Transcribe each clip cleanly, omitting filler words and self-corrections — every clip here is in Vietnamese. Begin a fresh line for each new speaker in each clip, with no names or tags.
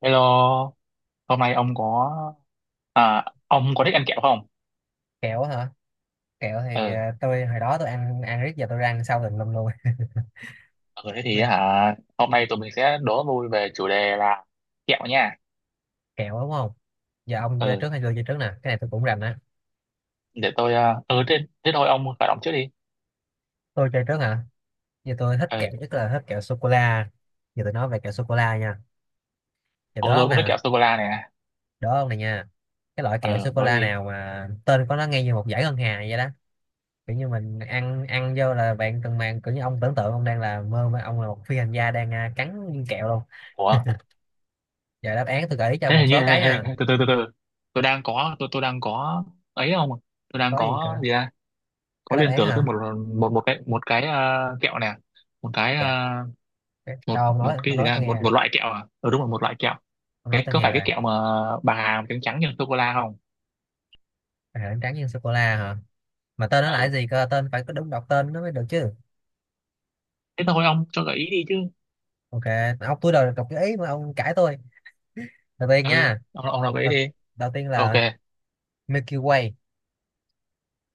Hello, hôm nay ông có à, ông có thích ăn kẹo không?
Kẹo hả? Kẹo thì
Ừ,
tôi hồi đó tôi ăn ăn riết giờ tôi ra ăn sau tùm lum luôn
ừ, thế thì
Bị
hả, hôm nay tụi mình sẽ đố vui về chủ đề là kẹo nha.
kẹo đúng không? Giờ ông chơi
Ừ,
trước hay tôi chơi trước nè, cái này tôi cũng rành á.
để tôi thế thôi ông khởi động trước đi.
Tôi chơi trước hả? Giờ tôi thích kẹo
Ừ,
nhất là thích kẹo sô cô la. Giờ tôi nói về kẹo sô cô la nha. Giờ
ừ,
đố ông
tôi cũng thích
nè.
kẹo sô cô la này.
Đố ông này nha. Cái loại kẹo
Ừ,
sô cô
đó
la
đi.
nào mà tên của nó nghe như một dải ngân hà vậy đó? Kiểu như mình ăn ăn vô là bạn cần màng. Kiểu như ông tưởng tượng ông đang là mơ mà ông là một phi hành gia đang cắn viên kẹo luôn.
Ủa,
Giờ đáp án tôi gợi ý cho ông
thế
một
hình như,
số cái
hình,
nha.
hình, từ từ, từ từ. Tôi đang có ấy không? Tôi đang
Có gì
có
cả?
gì ra?
Có
Có
đáp
liên
án
tưởng
hả?
tới một một một cái kẹo nè, một cái
Kìa,
một
đâu ông
một
nói, ông
cái gì
nói
ra
tôi nghe.
một một loại kẹo à đúng rồi một loại kẹo.
Ông nói
Cái
tôi
có
nghe
phải
rồi.
cái kẹo mà bà Hà trắng trắng nhân sô cô la không?
À, trắng tráng nhân sô cô la hả? Mà tên nó là cái
Ừ,
gì cơ, tên phải có đúng đọc tên nó mới được chứ.
thế thôi ông cho gợi ý đi chứ.
Ok. Ông tôi đòi đọc cái ý mà ông cãi tôi. Đầu tiên
Ừ,
nha.
ông nào gợi ý
đầu,
đi.
đầu tiên
Ok.
là Milky Way.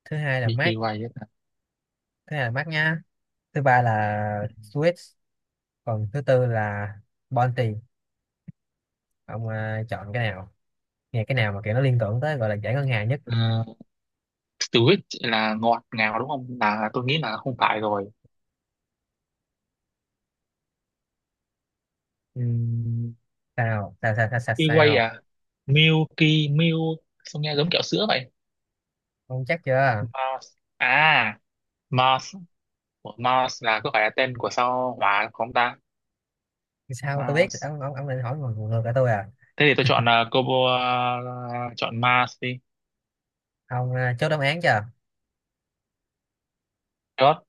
Thứ hai là
Milky
Mars.
Way á.
Thứ hai là Mars nha. Thứ ba là Swiss. Còn thứ tư là Bounty. Ông chọn cái nào, nghe cái nào mà kiểu nó liên tưởng tới gọi là giải ngân hàng nhất?
Ờ, Sweet là ngọt ngào đúng không, là tôi nghĩ là không phải rồi. Ừm.
Sao sao sao sao sao,
Milky Way
Sao?
à? Milky Milk, sao nghe giống kẹo sữa vậy.
Ông chắc chưa?
Mars à? Mars. Ủa, Mars là có phải là tên của sao hỏa không ta?
Sao tôi biết,
Mars,
ông ông định hỏi ngược ngược lại tôi à?
thế thì tôi chọn combo, chọn Mars đi.
Ông chốt đáp án chưa?
God.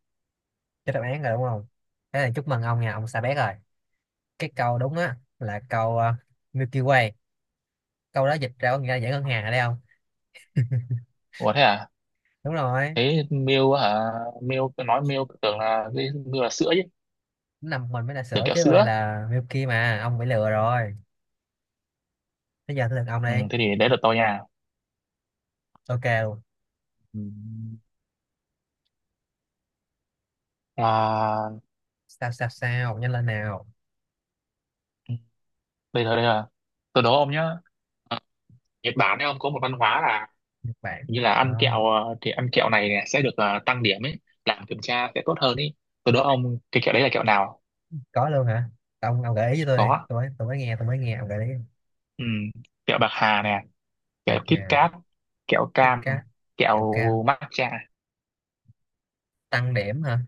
Cho đáp án rồi đúng không? Thế là chúc mừng ông nha, ông Sa Bét rồi. Cái câu đúng á là câu Milky Way. Câu đó dịch ra có nghĩa là dãy ngân hàng ở đây không?
Ủa thế à?
Đúng rồi.
Thế Mew hả? Mew, tôi nói Mew tưởng là cái Mew là sữa chứ,
Nằm mình mới là
tưởng
sữa
kẹo
chứ, còn này
sữa.
là Milky mà, ông bị lừa rồi. Bây giờ tới lượt ông
Ừ,
đi.
thế thì đấy là tôi nha.
Ok luôn.
Ừ. À,
Sao sao sao, nhanh lên nào.
bây giờ đây là tôi đố ông nhá. Ờ, Nhật Bản ấy, ông có một văn hóa là
Nhật Bản.
như là
Ờ,
ăn kẹo, thì ăn kẹo này này sẽ được tăng điểm ấy, làm kiểm tra sẽ tốt hơn ấy. Tôi đố ông cái kẹo đấy là kẹo nào.
có luôn hả? Ông gợi ý cho tôi đi.
Có.
Tôi mới nghe ông gợi ý.
Ừ. Kẹo bạc hà nè, kẹo
Bạc
Kit
hà,
Kat, kẹo
Kit
cam,
Kat, kẹo cao.
kẹo matcha.
Tăng điểm hả?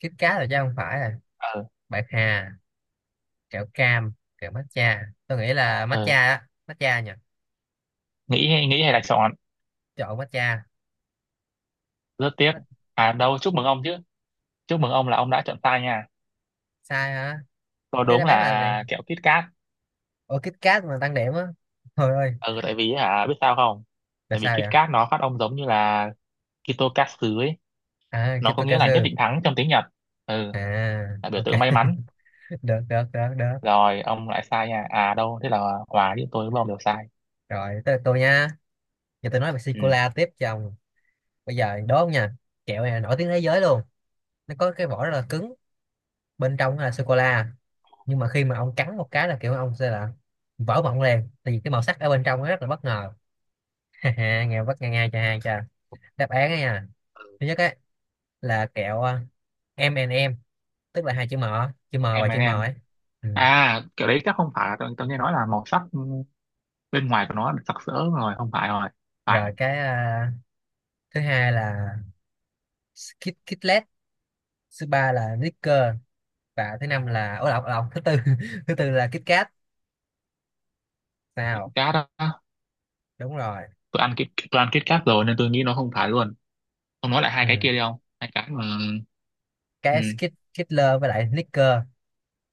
Kit Kat rồi chứ, không phải rồi.
ờ
Bạc hà. Kẹo cam, kẹo matcha. Tôi nghĩ là matcha
ờ
á, matcha nhỉ.
nghĩ nghĩ hay là chọn.
Chọn matcha.
Rất tiếc.
Mat-
À đâu, chúc mừng ông chứ. Chúc mừng ông là ông đã chọn sai nha.
sai hả?
Có,
Thế
đúng
đáp án là gì?
là kẹo Kit Kat.
Ủa Kit Kat mà tăng điểm á? Thôi ơi.
Ừ, tại vì hả, biết sao không?
Là
Tại vì
sao vậy?
Kit Kat nó phát âm giống như là Kitokatsu ấy.
À,
Nó có nghĩa là nhất
Kitokasu.
định thắng trong tiếng Nhật. Ừ.
À,
Là biểu
ok.
tượng may mắn.
được được được được
Rồi ông lại sai nha, à đâu, thế là Hòa, với tôi với ông đều sai.
Rồi tới lượt tôi nha. Giờ tôi nói về sô
Ừ,
cô la tiếp cho ông. Bây giờ đố không nha. Kẹo này là nổi tiếng thế giới luôn. Nó có cái vỏ rất là cứng, bên trong là sô cô la, nhưng mà khi mà ông cắn một cái là kiểu ông sẽ là vỡ mộng liền, tại vì cái màu sắc ở bên trong nó rất là bất ngờ. Ha ha, nghe bất nghe ngay cho hai cho đáp án ấy nha. Thứ nhất ấy là kẹo M and M, tức là hai chữ M, chữ M và
em
chữ
and
M
em.
ấy. Ừ.
À, kiểu đấy chắc không phải. Tôi nghe nói là màu sắc bên ngoài của nó sặc sỡ rồi, không phải rồi.
Rồi
Phải.
cái thứ hai là Kit Kitlet. Thứ ba là Snickers. Và thứ năm là ổ lọc lọc thứ tư thứ tư là Kit Kat
Kit
nào.
Kat đó.
Đúng rồi.
Tôi ăn Kit Kat rồi nên tôi nghĩ nó không phải luôn. Ông nói lại hai cái
Ừ.
kia đi, không hai cái mà. Ừ.
Cái Skit Kitler với lại Snickers.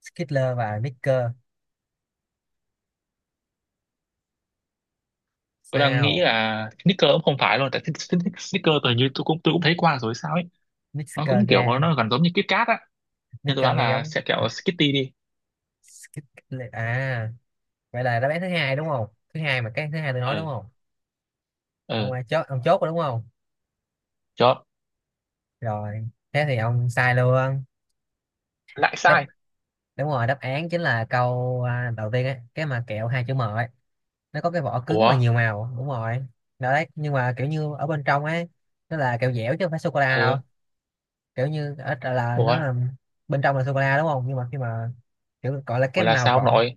Skittler và Snickers.
Tôi đang nghĩ
Sao?
là Snickers cũng không phải luôn, tại Snickers, tôi như tôi cũng thấy qua rồi sao ấy. Nó
Snickers
cũng
nghe.
kiểu nó gần giống như Kit Kat á. Nên tôi
Snickers
đoán
nghe
là
giống.
sẽ kẹo Skitty đi.
Skit Kitlet. À, vậy là đáp án thứ hai đúng không? Thứ hai mà, cái thứ hai tôi nói đúng
Ừ.
không? Ông
Ừ.
ai chốt, ông chốt rồi đúng không?
Chốt.
Rồi thế thì ông sai luôn.
Lại
Đáp
sai.
đúng rồi, đáp án chính là câu đầu tiên ấy, cái mà kẹo hai chữ M ấy. Nó có cái vỏ cứng
Ủa.
và nhiều màu đúng rồi. Đó đấy, nhưng mà kiểu như ở bên trong ấy, nó là kẹo dẻo chứ không phải sô cô la đâu.
Ừ.
Kiểu như ở là
Ủa,
nó là bên trong là sô cô la đúng không, nhưng mà khi mà kiểu gọi là cái
ủa là
màu
sao ông
vỏ,
nội?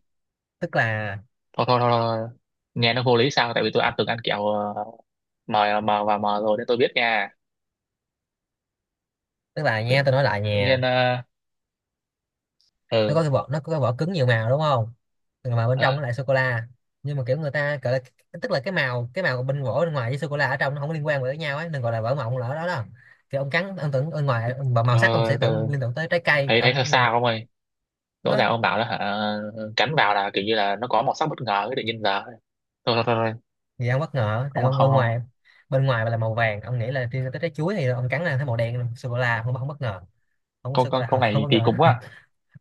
tức là
Thôi, thôi, thôi, thôi. Nghe nó vô lý sao, tại vì tôi ăn từng ăn kẹo, mờ mờ và mờ rồi nên tôi biết nha. tự,
nha tôi nói lại
tự nhiên
nha. Nó có
ừ.
cái vỏ, nó có cái vỏ cứng nhiều màu đúng không, mà bên
ờ,
trong nó lại sô cô la. Nhưng mà kiểu người ta gọi là, tức là cái màu, cái màu bên vỏ bên ngoài với sô cô la ở trong nó không liên quan với nhau ấy, đừng gọi là vỏ mộng lỡ đó đó. Thì ông cắn ông tưởng bên ngoài ông- màu
ờ,
sắc ông sẽ tưởng liên tưởng tới trái cây
thấy
đó
thấy sao
này.
sao ông ơi? Rõ
Đó.
ràng ông bảo là hả, cắn vào là kiểu như là nó có màu sắc bất ngờ ấy, tự nhiên giờ thôi. Thôi, thôi, thôi.
Thì ông bất ngờ tại
Không,
ông
không,
bên
không.
ngoài, bên ngoài là màu vàng ông nghĩ là liên tưởng tới trái chuối, thì ông cắn là thấy màu đen sô cô la, không không bất ngờ, không có
câu
sô cô
câu câu
la. Không
này
bất
kỳ
ngờ.
cục quá.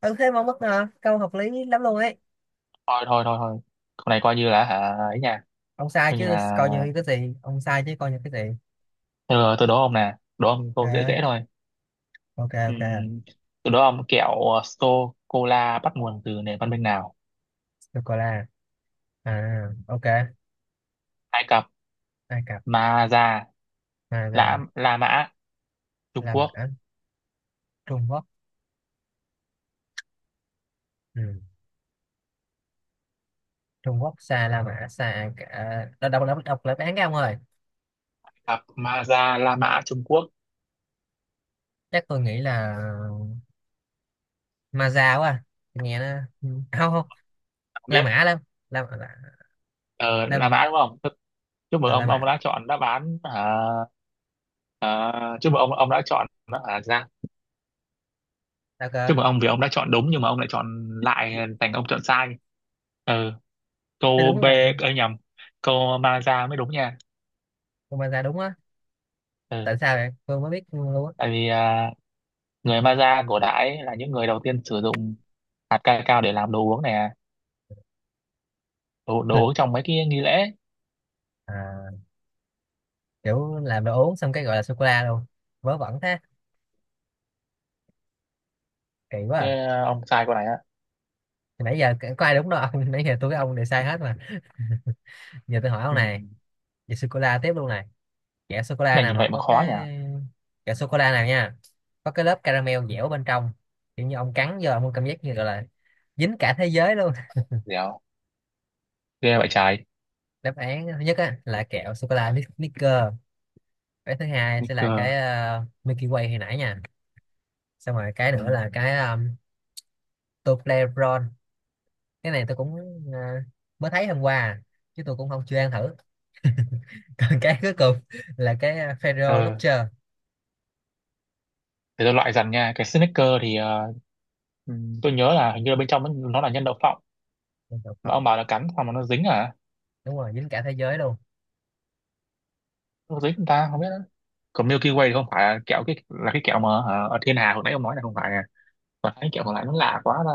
Ừ thế mà ông bất ngờ, câu hợp lý lắm luôn ấy.
Thôi, thôi, thôi, thôi. Câu này coi như là hả, ấy nha.
Ông sai
Coi như
chứ
là.
coi như cái gì, ông sai chứ coi như cái gì.
Tôi đố ông nè, đố ông câu dễ
à,
dễ thôi.
ok ok.
Ừm. Tôi đố ông kẹo sô cô la bắt nguồn từ nền văn minh nào?
Sô cô la. À, ok.
Ai Cập,
Ai Cập,
Ma Da,
Hoa
La
Gia,
La Mã, Trung
La
Quốc.
Mã, Trung Quốc. Ừ. Trung Quốc xa, La Mã xa, Ai Cập. À, đọc lại án cái ông ơi.
Ai Cập, Ma Da, La Mã, Trung Quốc.
Chắc tôi nghĩ là Ma Gia quá. À. Tôi nghe nó. Ừ. không Không
Ông
La
biết.
Mã lắm. La Mã. La
Ờ, là
La,
đã đúng không? Thế chúc mừng
ờ, La
ông
Mã.
đã chọn đáp án hả. Ờ, chúc mừng ông đã chọn đáp án ra.
Sao cơ?
Chúc mừng ông vì ông đã chọn đúng, nhưng mà ông lại chọn, lại thành ông chọn sai. Ừ,
Thế
câu
đúng
B,
là
ấy nhầm, câu Maza mới đúng nha.
con Ma Gia đúng á.
Ừ,
Tại sao vậy? Tôi mới biết luôn á.
tại vì à, người Maza cổ đại là những người đầu tiên sử dụng hạt cacao để làm đồ uống này à. Đồ
Là-
uống trong mấy cái nghi lễ.
à, kiểu làm đồ uống xong cái gọi là sô cô la luôn. Vớ vẩn thế. Kỳ quá.
Thế,
À.
à, ông sai câu này á.
Nãy giờ có ai đúng đâu ông. Nãy giờ tôi với ông đều sai hết mà. Giờ tôi hỏi ông
Ừ.
này. Về sô cô la tiếp luôn này, kẹo sô cô
Cái
la
này
nào
nhìn
mà
vậy mà
có
khó nhỉ.
cái, kẹo sô cô la nào nha, có cái lớp caramel
Ừ,
dẻo bên trong, kiểu như ông cắn vô ông có cảm giác như gọi là dính cả thế giới luôn.
dẻo ghê vậy trái.
Đáp án thứ nhất á, là kẹo sô cô la Snickers. Cái thứ hai
Nguy
sẽ là cái
cơ.
Milky Way hồi nãy nha. Xong rồi cái
Ừ.
nữa là cái Toblerone. Cái này tôi cũng ờ, mới thấy hôm qua chứ tôi cũng không chưa ăn thử. Còn cái cuối cùng là cái Ferrero
Ờ,
Rocher.
để tôi loại dần nha. Cái snicker thì tôi nhớ là hình như là bên trong nó là nhân đậu phộng.
Con cọp.
Mà ông bảo là cắn xong mà nó dính à?
Đúng rồi dính cả thế giới luôn.
Nó dính, chúng ta không biết nữa. Còn Milky Way thì không phải là kẹo, cái là cái kẹo mà ở thiên hà hồi nãy ông nói là không phải à. Còn cái kẹo còn lại nó lạ quá ra.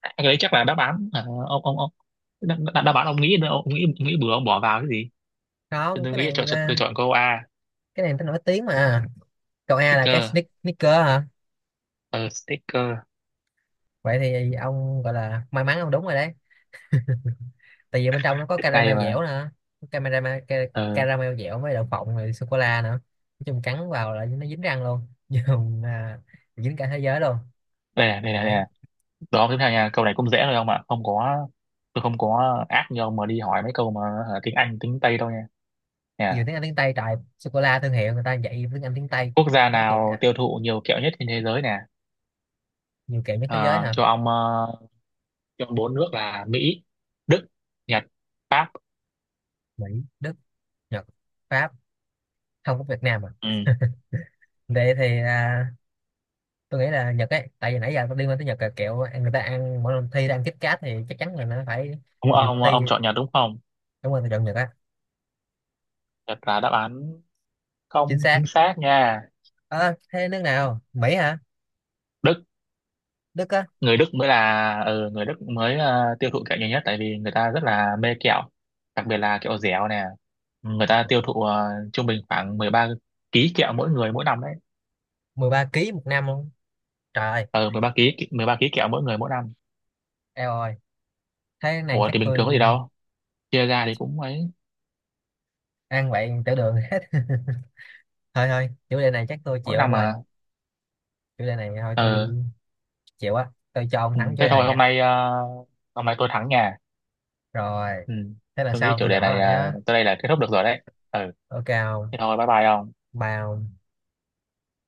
À, cái đấy chắc là đáp án, ông đáp, đáp đáp án, ông nghĩ nghĩ bừa ông bỏ vào cái gì. tôi,
Không
tôi
cái
nghĩ chọn
này
chọn tôi
là,
chọn câu A.
cái này tao nổi tiếng mà. Câu A là cái
Sticker.
sneak- sneaker hả?
Ờ sticker.
Vậy thì ông gọi là may mắn, ông đúng rồi đấy. Tại vì bên trong nó có
Ngay
caramel
mà.
dẻo nữa. Caramel, ca-
Ờ.
caramel dẻo với đậu phộng rồi sô cô la nữa. Nói chung cắn vào là nó dính răng luôn. Dùng dính cả thế giới luôn.
Đây này, đây này, đây này.
Đấy.
Được không, tiếp theo nha, câu này cũng dễ thôi, không ạ, không có. Tôi không có ác như ông mà đi hỏi mấy câu mà, hả, tiếng Anh tiếng Tây đâu nha. Nè.
Nhiều tiếng Anh tiếng Tây trời, sô cô la thương hiệu người ta dạy tiếng Anh tiếng Tây
Quốc gia
nói chuyện
nào
cả.
tiêu thụ nhiều kẹo nhất trên thế giới nè?
Nhiều kiểu nhất thế giới
Ờ,
hả?
cho ông ờ, cho ông bốn nước là Mỹ, Đức, Nhật, Pháp.
Mỹ, Đức, Nhật, Pháp, không có Việt Nam à.
Ừ.
Vậy thì tôi nghĩ là Nhật ấy, tại vì nãy giờ tôi liên quan tới Nhật là kiểu ăn- người ta ăn mỗi lần thi đang kít cát thì chắc chắn là nó phải
ông
nhiều người
ông
thi.
ông chọn Nhật đúng không?
Đúng rồi, tôi chọn Nhật á.
Nhật là đáp án
Chính
không
xác.
chính xác nha.
Ờ thế nước nào, Mỹ hả?
Đức.
Đức á?
Người Đức mới tiêu thụ kẹo nhiều nhất, tại vì người ta rất là mê kẹo. Đặc biệt là kẹo dẻo nè. Người ta tiêu thụ trung bình khoảng 13 ký kẹo mỗi người mỗi năm đấy.
13 kg một năm luôn, trời ơi,
Ờ 13 ký, 13 ký kẹo mỗi người mỗi năm.
eo ơi. Thế này
Ủa
chắc
thì bình thường
tôi
có gì đâu. Chia ra thì cũng ấy.
ăn vậy tiểu đường hết. Thôi thôi chủ đề này chắc tôi
Mỗi
chịu
năm
ông ơi.
mà.
Chủ đề này thôi tôi
Ờ.
chịu á, tôi cho ông thắng
Ừ,
chủ
thế
đề
thôi,
này á.
hôm nay tôi thắng nhà.
Rồi
Ừ.
thế là
Tôi nghĩ
sau
chủ
tôi
đề
gõ
này
lại nhá.
tới đây là kết thúc được rồi đấy. Ừ.
Ok không
Thế thôi bye bye ông.
bao.